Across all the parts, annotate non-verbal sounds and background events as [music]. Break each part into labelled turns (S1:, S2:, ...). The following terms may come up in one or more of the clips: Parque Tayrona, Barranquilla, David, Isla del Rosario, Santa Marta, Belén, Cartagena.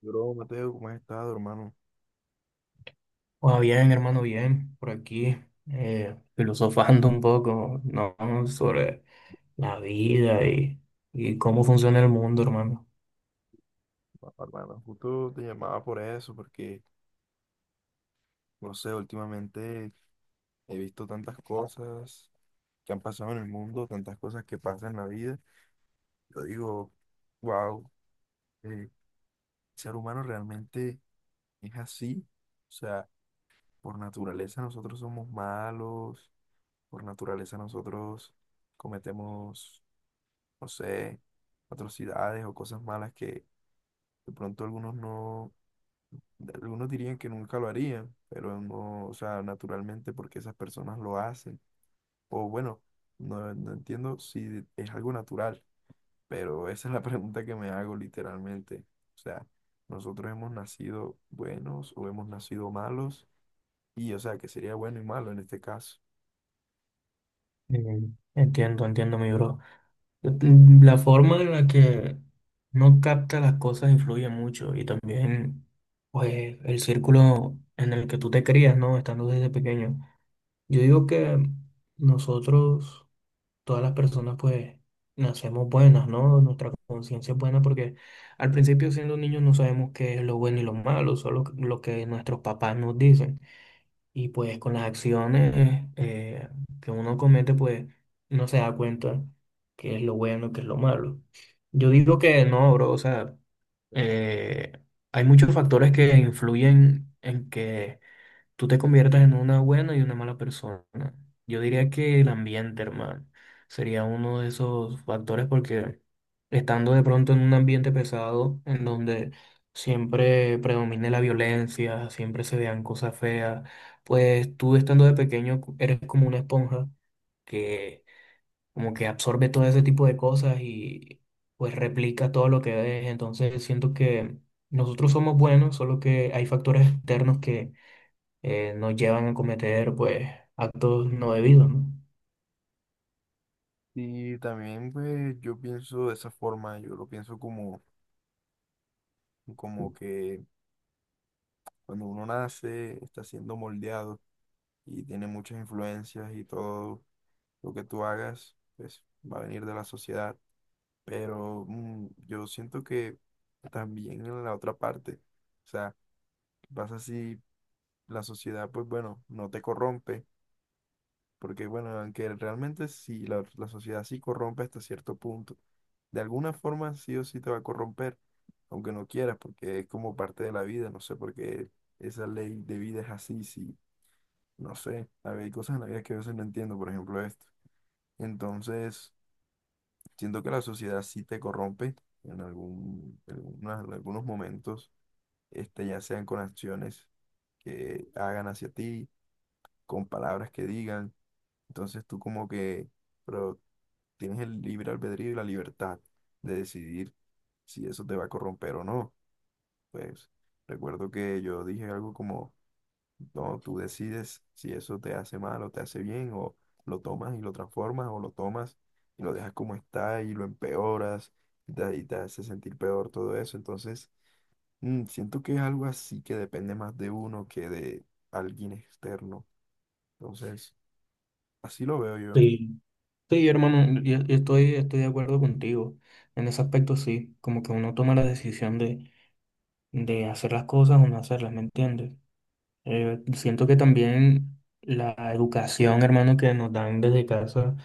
S1: Bro, Mateo, ¿cómo has estado, hermano?
S2: Pues bien, hermano, bien, por aquí, filosofando un poco, ¿no? Sobre la vida y cómo funciona el mundo, hermano.
S1: Ah, hermano, justo te llamaba por eso, porque, no sé, últimamente he visto tantas cosas que han pasado en el mundo, tantas cosas que pasan en la vida. Yo digo, wow, el ser humano realmente es así. O sea, por naturaleza nosotros somos malos, por naturaleza nosotros cometemos, no sé, atrocidades o cosas malas que de pronto algunos no. Algunos dirían que nunca lo harían, pero no, o sea, naturalmente porque esas personas lo hacen. O bueno, no, no entiendo si es algo natural, pero esa es la [laughs] pregunta que me hago literalmente. O sea, nosotros hemos nacido buenos o hemos nacido malos, y o sea, que sería bueno y malo en este caso.
S2: Mm. Entiendo, mi bro. Mm, la forma en la que no capta las cosas influye mucho y también, pues, el círculo en el que tú te crías, ¿no? Estando desde pequeño. Yo digo que nosotros todas las personas pues nacemos buenas, ¿no? Nuestra conciencia es buena porque al principio siendo niños no sabemos qué es lo bueno y lo malo, solo lo que nuestros papás nos dicen. Y pues con las acciones que uno comete pues no se da cuenta qué es lo bueno, qué es lo malo. Yo digo que no, bro, o sea, eh, hay muchos factores que influyen en que tú te conviertas en una buena y una mala persona. Yo diría que el ambiente, hermano, sería uno de esos factores porque estando de pronto en un ambiente pesado, en donde siempre predomine la violencia, siempre se vean cosas feas, pues tú estando de pequeño eres como una esponja que como que absorbe todo ese tipo de cosas y pues replica todo lo que ves. Entonces siento que nosotros somos buenos, solo que hay factores externos que nos llevan a cometer pues actos no debidos, ¿no?
S1: Y también pues yo pienso de esa forma, yo lo pienso como, como que cuando uno nace está siendo moldeado y tiene muchas influencias y todo lo que tú hagas, pues va a venir de la sociedad. Pero yo siento que también en la otra parte, o sea, pasa si la sociedad, pues bueno, no te corrompe, porque bueno, aunque realmente si la sociedad sí corrompe hasta cierto punto, de alguna forma sí o sí te va a corromper, aunque no quieras, porque es como parte de la vida, no sé por qué esa ley de vida es así, si, no sé, a ver, hay cosas en la vida que a veces no entiendo, por ejemplo esto. Entonces, siento que la sociedad sí te corrompe en en algunos momentos, este, ya sean con acciones que hagan hacia ti, con palabras que digan. Entonces tú como que, pero tienes el libre albedrío y la libertad de decidir si eso te va a corromper o no. Pues recuerdo que yo dije algo como no, tú decides si eso te hace mal o te hace bien, o lo tomas y lo transformas, o lo tomas y lo dejas como está y lo empeoras y te hace sentir peor todo eso. Entonces, siento que es algo así que depende más de uno que de alguien externo. Entonces, así lo veo yo.
S2: Sí, sí, hermano, yo estoy de acuerdo contigo. En ese aspecto sí, como que uno toma la decisión de hacer las cosas o no hacerlas, ¿me entiendes? Siento que también la educación, hermano, que nos dan desde casa.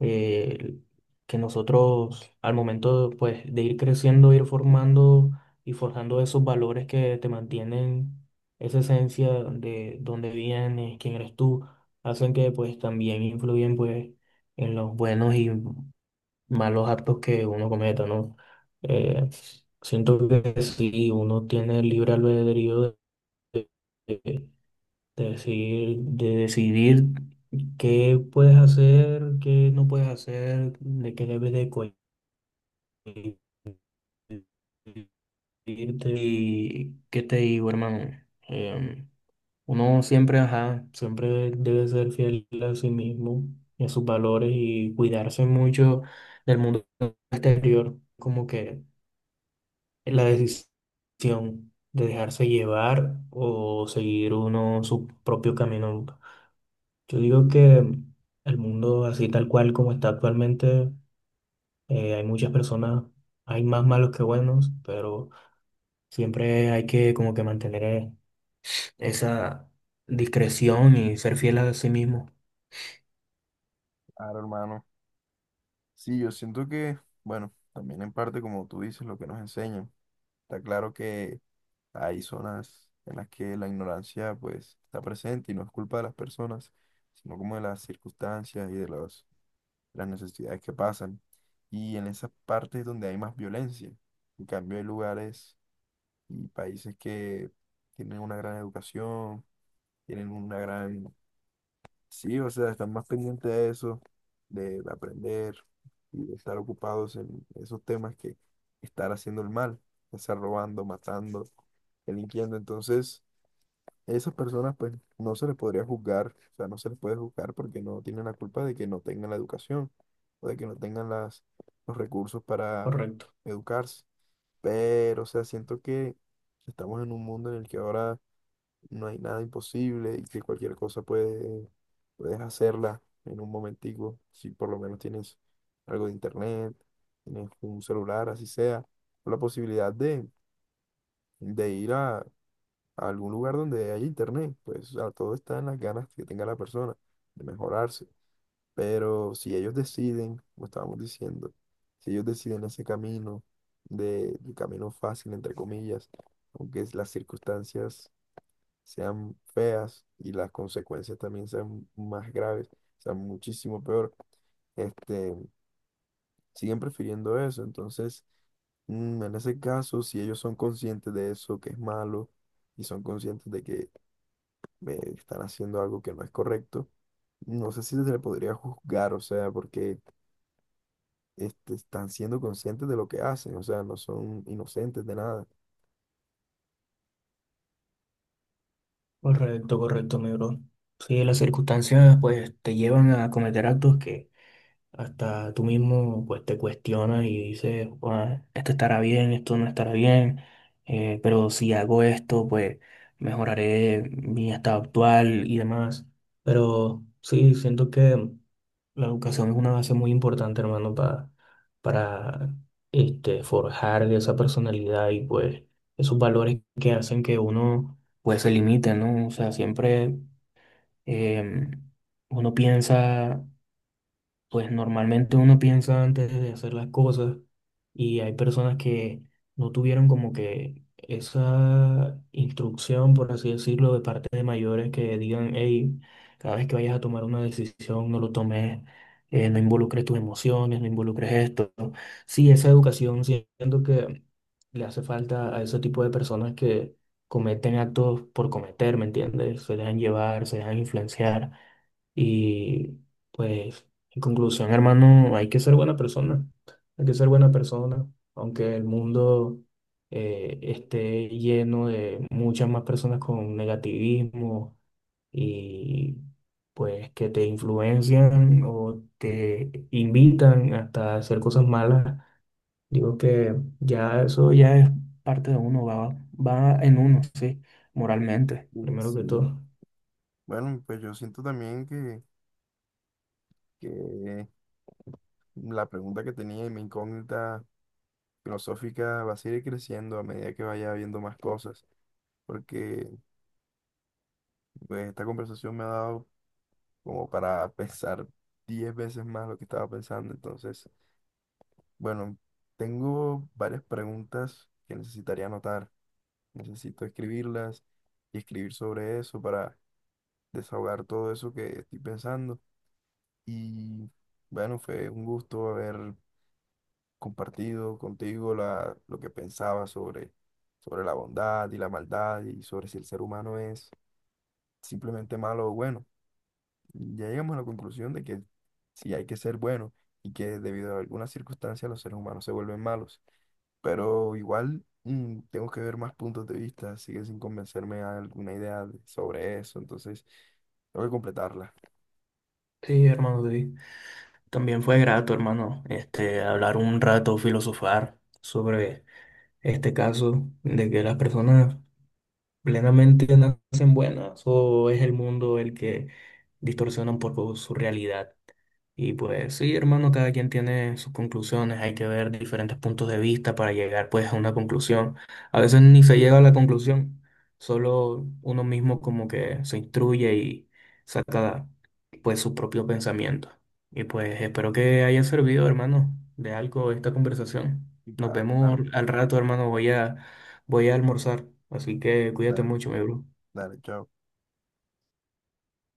S2: Eh, que nosotros al momento pues, de ir creciendo, ir formando y forjando esos valores que te mantienen esa esencia de dónde vienes, quién eres tú, hacen que pues también influyen pues en los buenos y malos actos que uno cometa, ¿no? Eh, Siento que si uno tiene libre albedrío de decir, de decidir qué puedes hacer, qué no puedes hacer, de qué debes de cohibirte. Y qué te digo, hermano. Em, Uno siempre, ajá, siempre debe ser fiel a sí mismo y a sus valores y cuidarse mucho del mundo exterior, como que la decisión de dejarse llevar o seguir uno su propio camino. Yo digo que el mundo así tal cual como está actualmente, hay muchas personas, hay más malos que buenos, pero siempre hay que como que mantener esa discreción y ser fiel a sí mismo.
S1: Claro, hermano. Sí, yo siento que, bueno, también en parte, como tú dices, lo que nos enseñan. Está claro que hay zonas en las que la ignorancia pues está presente y no es culpa de las personas, sino como de las circunstancias y de los, las necesidades que pasan. Y en esas partes donde hay más violencia. En cambio hay lugares y países que tienen una gran educación, tienen una gran. Sí, o sea, están más pendientes de eso, de aprender y de estar ocupados en esos temas que estar haciendo el mal, ya sea robando, matando, delinquiendo. Entonces, esas personas, pues, no se les podría juzgar, o sea, no se les puede juzgar porque no tienen la culpa de que no tengan la educación o de que no tengan las, los recursos para
S2: Correcto,
S1: educarse. Pero, o sea, siento que estamos en un mundo en el que ahora no hay nada imposible y que cualquier cosa puedes hacerla en un momentico, si por lo menos tienes algo de internet, tienes un celular, así sea, o la posibilidad de ir a algún lugar donde haya internet, pues o sea, todo está en las ganas que tenga la persona de mejorarse. Pero si ellos deciden, como estábamos diciendo, si ellos deciden ese camino, el camino fácil, entre comillas, aunque las circunstancias sean feas y las consecuencias también sean más graves, sean muchísimo peor, este, siguen prefiriendo eso. Entonces, en ese caso, si ellos son conscientes de eso, que es malo, y son conscientes de que están haciendo algo que no es correcto, no sé si se le podría juzgar, o sea, porque este, están siendo conscientes de lo que hacen, o sea, no son inocentes de nada.
S2: correcto, correcto, mi bro. Sí, las circunstancias pues te llevan a cometer actos que hasta tú mismo pues te cuestionas y dices, "Buah, esto estará bien, esto no estará bien, pero si hago esto, pues mejoraré mi estado actual y demás." Pero sí, siento que la educación es una base muy importante, hermano, para este, forjar esa personalidad y pues esos valores que hacen que uno pues se limite, ¿no? O sea, siempre em, uno piensa pues normalmente uno piensa antes de hacer las cosas y hay personas que no tuvieron como que esa instrucción, por así decirlo, de parte de mayores que digan, hey, cada vez que vayas a tomar una decisión, no lo tomes, no involucres tus emociones, no involucres esto. Sí, esa educación siento que le hace falta a ese tipo de personas que cometen actos por cometer, ¿me entiendes? Se dejan llevar, se dejan influenciar y pues... En conclusión, hermano, hay que ser buena persona. Hay que ser buena persona. Aunque el mundo esté lleno de muchas más personas con negativismo y pues que te influencian o te invitan hasta hacer cosas malas. Digo que ya eso ya es parte de uno, va, va en uno, sí, moralmente,
S1: Y
S2: primero que
S1: sí.
S2: todo.
S1: Bueno, pues yo siento también que, la pregunta que tenía y mi incógnita filosófica va a seguir creciendo a medida que vaya viendo más cosas, porque pues, esta conversación me ha dado como para pensar 10 veces más lo que estaba pensando. Entonces, bueno, tengo varias preguntas que necesitaría anotar. Necesito escribirlas y escribir sobre eso para desahogar todo eso que estoy pensando. Y bueno, fue un gusto haber compartido contigo lo que pensaba sobre la bondad y la maldad y sobre si el ser humano es simplemente malo o bueno. Ya llegamos a la conclusión de que sí hay que ser bueno y que debido a algunas circunstancias los seres humanos se vuelven malos. Pero igual tengo que ver más puntos de vista, sigue sin convencerme a alguna idea sobre eso, entonces tengo que completarla.
S2: Sí, hermano, David. También fue grato, hermano, este, hablar un rato, filosofar sobre este caso de que las personas plenamente nacen buenas o es el mundo el que distorsiona un poco su realidad. Y pues sí, hermano, cada quien tiene sus conclusiones, hay que ver diferentes puntos de vista para llegar pues a una conclusión. A veces ni se llega a la conclusión, solo uno mismo como que se instruye y saca pues su propio pensamiento. Y pues espero que haya servido, hermano, de algo esta conversación.
S1: Y
S2: Nos
S1: claro,
S2: vemos
S1: claro,
S2: al rato, hermano, voy a almorzar, así que cuídate
S1: dale,
S2: mucho, mi bro.
S1: dale, chao.